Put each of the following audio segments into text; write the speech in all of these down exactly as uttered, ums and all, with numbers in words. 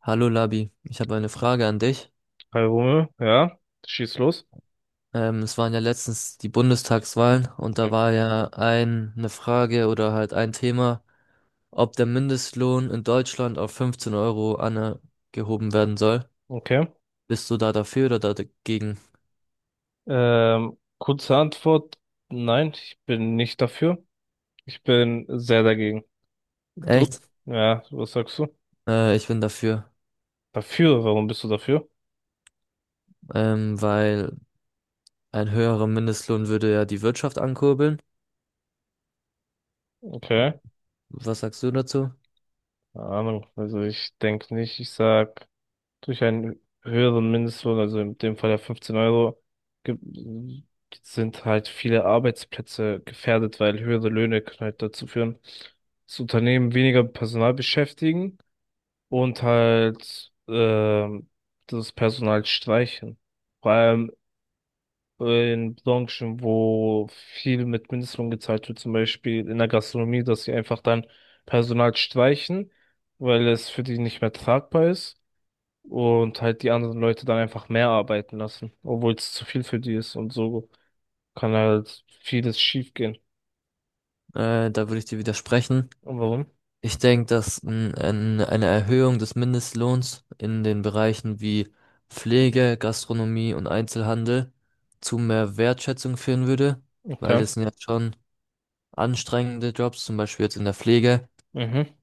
Hallo Labi, ich habe eine Frage an dich. Palme, ja, schieß los. Ähm, es waren ja letztens die Bundestagswahlen und Hm. da war ja ein, eine Frage oder halt ein Thema, ob der Mindestlohn in Deutschland auf fünfzehn Euro angehoben werden soll. Okay. Bist du da dafür oder da dagegen? Ähm, kurze Antwort, nein, ich bin nicht dafür. Ich bin sehr dagegen. Du? Echt? Ja, was sagst du? Äh, ich bin dafür, Dafür? Warum bist du dafür? ähm, weil ein höherer Mindestlohn würde ja die Wirtschaft ankurbeln. Okay. Was sagst du dazu? Keine Ahnung. Also ich denke nicht, ich sag, durch einen höheren Mindestlohn, also in dem Fall ja fünfzehn Euro, gibt- sind halt viele Arbeitsplätze gefährdet, weil höhere Löhne können halt dazu führen, dass Unternehmen weniger Personal beschäftigen und halt ähm, das Personal streichen. Vor allem in Branchen, wo viel mit Mindestlohn gezahlt wird, zum Beispiel in der Gastronomie, dass sie einfach dann Personal streichen, weil es für die nicht mehr tragbar ist und halt die anderen Leute dann einfach mehr arbeiten lassen, obwohl es zu viel für die ist und so kann halt vieles schief gehen. Äh, da würde ich dir widersprechen. Und warum? Ich denke, dass n- ein, eine Erhöhung des Mindestlohns in den Bereichen wie Pflege, Gastronomie und Einzelhandel zu mehr Wertschätzung führen würde, weil Okay. das sind ja schon anstrengende Jobs, zum Beispiel jetzt in der Pflege. Mhm.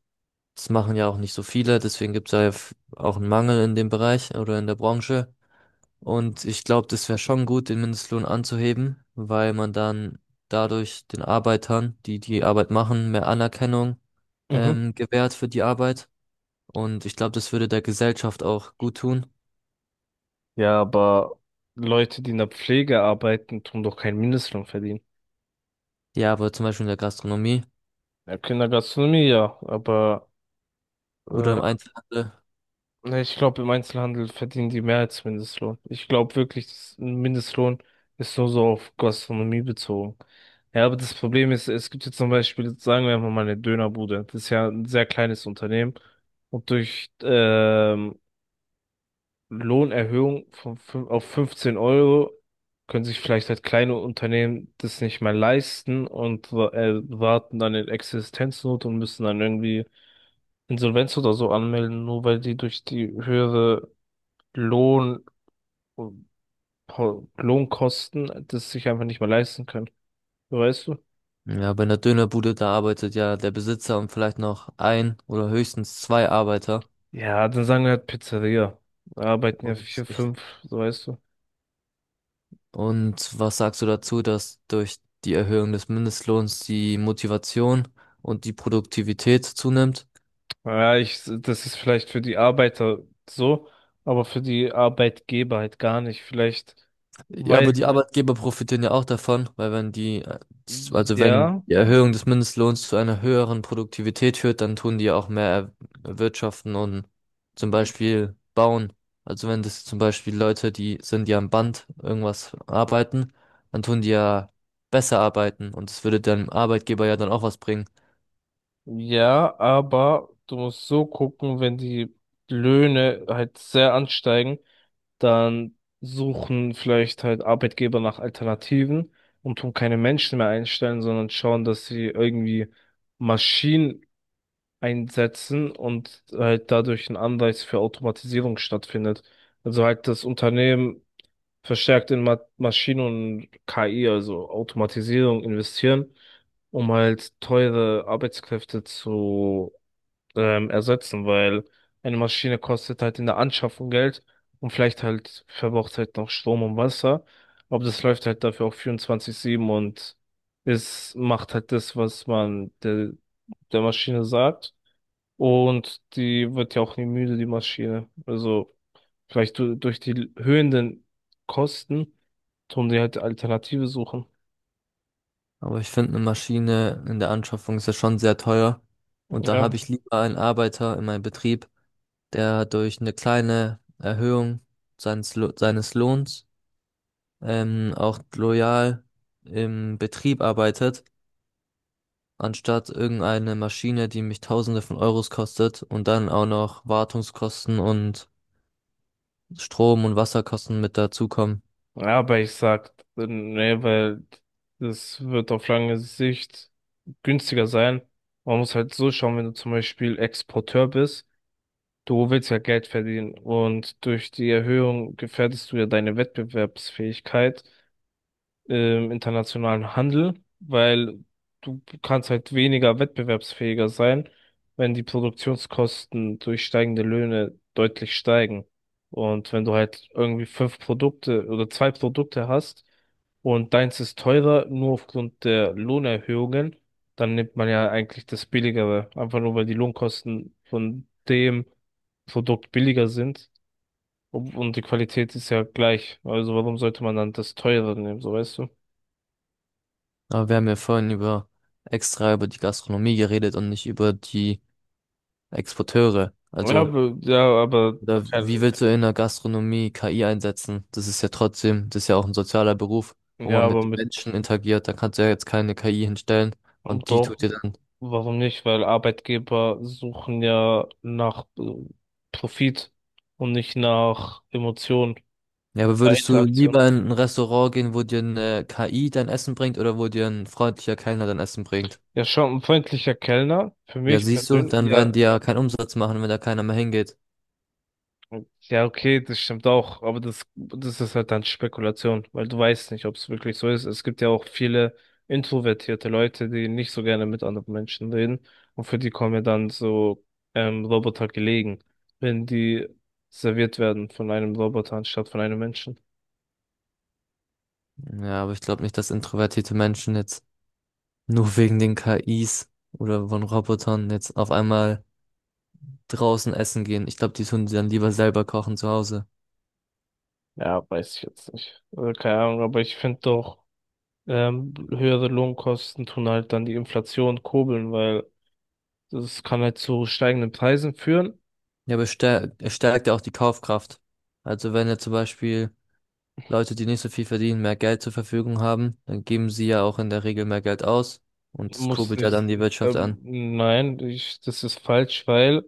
Das machen ja auch nicht so viele, deswegen gibt es ja f- auch einen Mangel in dem Bereich oder in der Branche. Und ich glaube, das wäre schon gut, den Mindestlohn anzuheben, weil man dann dadurch den Arbeitern, die die Arbeit machen, mehr Anerkennung Mhm. ähm, gewährt für die Arbeit. Und ich glaube, das würde der Gesellschaft auch gut tun. Ja, aber Leute, die in der Pflege arbeiten, tun doch keinen Mindestlohn verdienen. Ja, aber zum Beispiel in der Gastronomie Ja, Kindergastronomie, ja, aber oder äh, im Einzelhandel. ne, ich glaube, im Einzelhandel verdienen die mehr als Mindestlohn. Ich glaube wirklich, das- ein Mindestlohn ist nur so auf Gastronomie bezogen. Ja, aber das Problem ist, es gibt jetzt zum Beispiel, sagen wir mal, eine Dönerbude. Das ist ja ein sehr kleines Unternehmen. Und durch ähm, Lohnerhöhung von fün- auf fünfzehn Euro können sich vielleicht halt kleine Unternehmen das nicht mehr leisten und wa- äh, warten dann in Existenznot und müssen dann irgendwie Insolvenz oder so anmelden, nur weil die durch die höhere Lohn, Po- Lohnkosten das sich einfach nicht mehr leisten können. So weißt du? Ja, bei einer Dönerbude, da arbeitet ja der Besitzer und vielleicht noch ein oder höchstens zwei Arbeiter. Ja, dann sagen wir halt Pizzeria. Da arbeiten ja Und, vier, ich- fünf, so weißt du. und was sagst du dazu, dass durch die Erhöhung des Mindestlohns die Motivation und die Produktivität zunimmt? Ja, ich, das ist vielleicht für die Arbeiter so, aber für die Arbeitgeber halt gar nicht. Vielleicht, Ja, weil, aber die Arbeitgeber profitieren ja auch davon, weil wenn die, äh, also wenn ja, die Erhöhung des Mindestlohns zu einer höheren Produktivität führt, dann tun die ja auch mehr er- erwirtschaften und zum Beispiel bauen. Also wenn das zum Beispiel Leute, die sind, die am Band irgendwas arbeiten, dann tun die ja besser arbeiten und es würde dem Arbeitgeber ja dann auch was bringen. ja, aber du musst so gucken, wenn die Löhne halt sehr ansteigen, dann suchen vielleicht halt Arbeitgeber nach Alternativen und tun keine Menschen mehr einstellen, sondern schauen, dass sie irgendwie Maschinen einsetzen und halt dadurch ein Anreiz für Automatisierung stattfindet. Also halt das Unternehmen verstärkt in Ma Maschinen und K I, also Automatisierung, investieren, um halt teure Arbeitskräfte zu ähm, ersetzen, weil eine Maschine kostet halt in der Anschaffung Geld und vielleicht halt verbraucht halt noch Strom und Wasser, aber das läuft halt dafür auch vierundzwanzig sieben und es macht halt das, was man der, der Maschine sagt. Und die wird ja auch nie müde, die Maschine. Also vielleicht du, durch die höhenden Kosten tun sie halt Alternative suchen. Aber ich finde, eine Maschine in der Anschaffung ist ja schon sehr teuer und da habe Ja. ich lieber einen Arbeiter in meinem Betrieb, der durch eine kleine Erhöhung seines, Lo- seines Lohns ähm, auch loyal im Betrieb arbeitet, anstatt irgendeine Maschine, die mich Tausende von Euros kostet und dann auch noch Wartungskosten und Strom- und Wasserkosten mit dazukommen. Ja, aber ich sag, äh, nee, weil das wird auf lange Sicht günstiger sein. Man muss halt so schauen, wenn du zum Beispiel Exporteur bist, du willst ja Geld verdienen und durch die Erhöhung gefährdest du ja deine Wettbewerbsfähigkeit im internationalen Handel, weil du kannst halt weniger wettbewerbsfähiger sein, wenn die Produktionskosten durch steigende Löhne deutlich steigen. Und wenn du halt irgendwie fünf Produkte oder zwei Produkte hast und deins ist teurer, nur aufgrund der Lohnerhöhungen, dann nimmt man ja eigentlich das Billigere, einfach nur weil die Lohnkosten von dem Produkt billiger sind. Und und die Qualität ist ja gleich. Also warum sollte man dann das teurere nehmen, so weißt du? Aber wir haben ja vorhin über extra über die Gastronomie geredet und nicht über die Exporteure. Ja, Also aber, ja, aber, oder wie kein- willst du in der Gastronomie K I einsetzen? Das ist ja trotzdem, das ist ja auch ein sozialer Beruf, wo ja, man aber mit mit, Menschen interagiert. Da kannst du ja jetzt keine K I hinstellen und die doch, tut dir dann. warum nicht? Weil Arbeitgeber suchen ja nach äh, Profit und nicht nach Emotionen Ja, aber bei würdest du Interaktion. lieber in ein Restaurant gehen, wo dir eine K I dein Essen bringt oder wo dir ein freundlicher Kellner dein Essen bringt? Ja, schon ein freundlicher Kellner, für Ja, mich siehst du, persönlich, dann werden ja, die ja keinen Umsatz machen, wenn da keiner mehr hingeht. ja, okay, das stimmt auch, aber das, das ist halt dann Spekulation, weil du weißt nicht, ob es wirklich so ist. Es gibt ja auch viele introvertierte Leute, die nicht so gerne mit anderen Menschen reden und für die kommen ja dann so ähm, Roboter gelegen, wenn die serviert werden von einem Roboter anstatt von einem Menschen. Ja, aber ich glaube nicht, dass introvertierte Menschen jetzt nur wegen den K Is oder von Robotern jetzt auf einmal draußen essen gehen. Ich glaube, die tun sie dann lieber selber kochen zu Hause. Ja, weiß ich jetzt nicht. Also keine Ahnung, aber ich finde doch, ähm, höhere Lohnkosten tun halt dann die Inflation kurbeln, weil das kann halt zu steigenden Preisen führen. Ja, aber es stärkt, es stärkt ja auch die Kaufkraft. Also wenn ja zum Beispiel Leute, die nicht so viel verdienen, mehr Geld zur Verfügung haben, dann geben sie ja auch in der Regel mehr Geld aus und das Muss kurbelt ja nicht. dann die Wirtschaft Ähm, an. nein, ich, das ist falsch, weil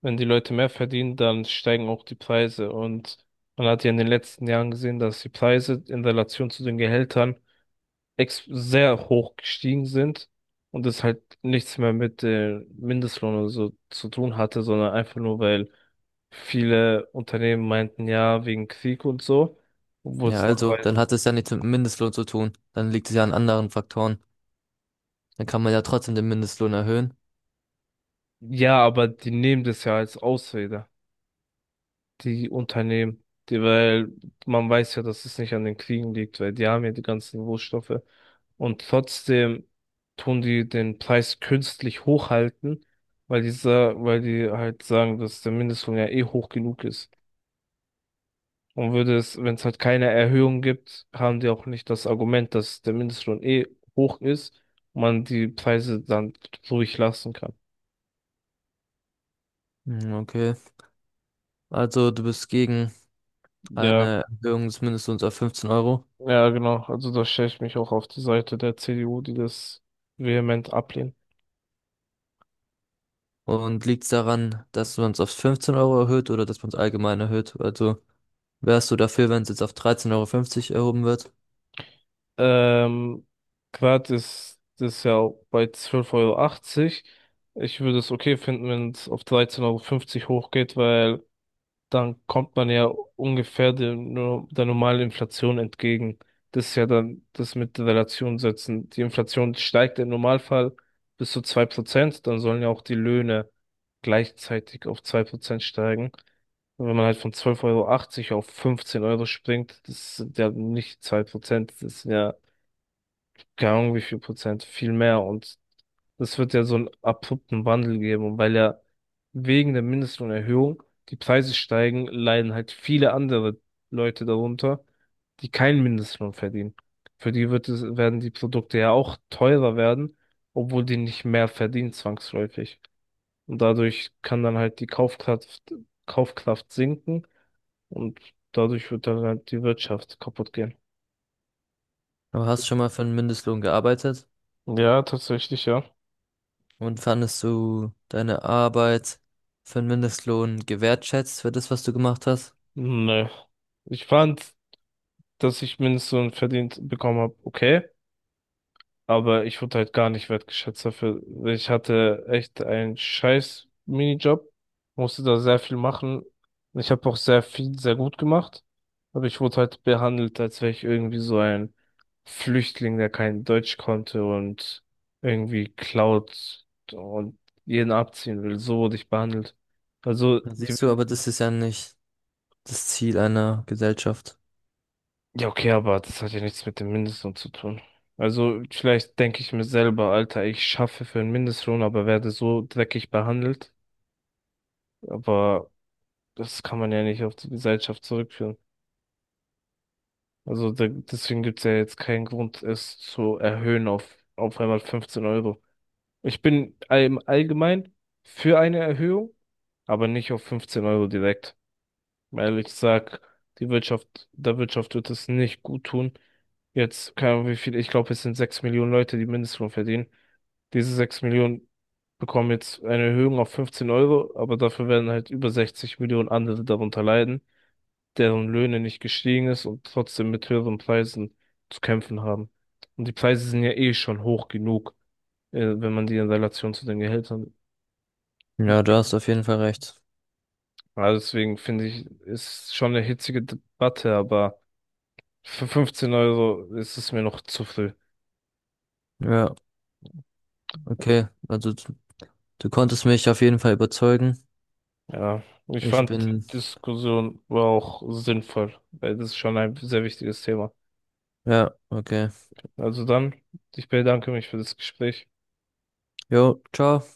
wenn die Leute mehr verdienen, dann steigen auch die Preise. Und man hat ja in den letzten Jahren gesehen, dass die Preise in Relation zu den Gehältern ex sehr hoch gestiegen sind und es halt nichts mehr mit dem Mindestlohn oder so zu tun hatte, sondern einfach nur, weil viele Unternehmen meinten, ja, wegen Krieg und so, obwohl Ja, es also nachher, dann hat es ja nichts mit dem Mindestlohn zu tun. Dann liegt es ja an anderen Faktoren. Dann kann man ja trotzdem den Mindestlohn erhöhen. ja, aber die nehmen das ja als Ausrede. Die Unternehmen, die, weil man weiß ja, dass es nicht an den Kriegen liegt, weil die haben ja die ganzen Rohstoffe. Und trotzdem tun die den Preis künstlich hochhalten, weil die, sa- weil die halt sagen, dass der Mindestlohn ja eh hoch genug ist. Und würde es, wenn es halt keine Erhöhung gibt, haben die auch nicht das Argument, dass der Mindestlohn eh hoch ist und man die Preise dann ruhig lassen kann. Hm, okay. Also du bist gegen Ja, eine Erhöhung des Mindestlohns auf fünfzehn Euro. ja, genau. Also da stelle ich mich auch auf die Seite der C D U, die das vehement ablehnt. Und liegt es daran, dass man es auf fünfzehn Euro erhöht oder dass man es allgemein erhöht? Also wärst du dafür, wenn es jetzt auf dreizehn Euro fünfzig erhoben wird? Ähm, Quad ist das ist ja auch bei zwölf Euro. Achtzig. Ich würde es okay finden, wenn es auf dreizehn Euro fünfzig hochgeht, weil dann kommt man ja ungefähr der, nur der normalen Inflation entgegen. Das ist ja dann das mit Relation setzen. Die Inflation steigt im Normalfall bis zu zwei Prozent. Dann sollen ja auch die Löhne gleichzeitig auf zwei Prozent steigen. Und wenn man halt von zwölf Euro achtzig auf fünfzehn Euro springt, das sind ja nicht zwei Prozent, das sind ja keine Ahnung, wie viel Prozent, viel mehr. Und es wird ja so einen abrupten Wandel geben. Und weil ja wegen der Mindestlohnerhöhung die Preise steigen, leiden halt viele andere Leute darunter, die keinen Mindestlohn verdienen. Für die wird es, werden die Produkte ja auch teurer werden, obwohl die nicht mehr verdienen zwangsläufig. Und dadurch kann dann halt die Kaufkraft, Kaufkraft sinken und dadurch wird dann halt die Wirtschaft kaputt gehen. Aber hast du schon mal für einen Mindestlohn gearbeitet? Ja, tatsächlich, ja. Und fandest du deine Arbeit für einen Mindestlohn gewertschätzt für das, was du gemacht hast? Nee. Ich fand, dass ich Mindestlohn verdient bekommen habe, okay, aber ich wurde halt gar nicht wertgeschätzt dafür. Ich hatte echt einen scheiß Minijob, musste da sehr viel machen. Ich habe auch sehr viel, sehr gut gemacht, aber ich wurde halt behandelt, als wäre ich irgendwie so ein Flüchtling, der kein Deutsch konnte und irgendwie klaut und jeden abziehen will. So wurde ich behandelt. Also Da die. siehst du, aber das ist ja nicht das Ziel einer Gesellschaft. Ja, okay, aber das hat ja nichts mit dem Mindestlohn zu tun. Also vielleicht denke ich mir selber, Alter, ich schaffe für einen Mindestlohn, aber werde so dreckig behandelt. Aber das kann man ja nicht auf die Gesellschaft zurückführen. Also de- deswegen gibt's ja jetzt keinen Grund, es zu erhöhen auf auf einmal fünfzehn Euro. Ich bin all- im Allgemeinen für eine Erhöhung, aber nicht auf fünfzehn Euro direkt. Weil ich sag, die Wirtschaft, der Wirtschaft wird es nicht gut tun. Jetzt, keine Ahnung, wie viel, ich glaube, es sind sechs Millionen Leute, die Mindestlohn verdienen. Diese sechs Millionen bekommen jetzt eine Erhöhung auf fünfzehn Euro, aber dafür werden halt über sechzig Millionen andere darunter leiden, deren Löhne nicht gestiegen ist und trotzdem mit höheren Preisen zu kämpfen haben. Und die Preise sind ja eh schon hoch genug, äh, wenn man die in Relation zu den Gehältern. Ja, du hast auf jeden Fall recht. Also deswegen finde ich, ist schon eine hitzige Debatte, aber für fünfzehn Euro ist es mir noch zu viel. Ja, okay. Also du, du konntest mich auf jeden Fall überzeugen. Ja, ich Ich fand, die bin, Diskussion war auch sinnvoll, weil das ist schon ein sehr wichtiges Thema. ja, okay. Also dann, ich bedanke mich für das Gespräch. Jo, ciao.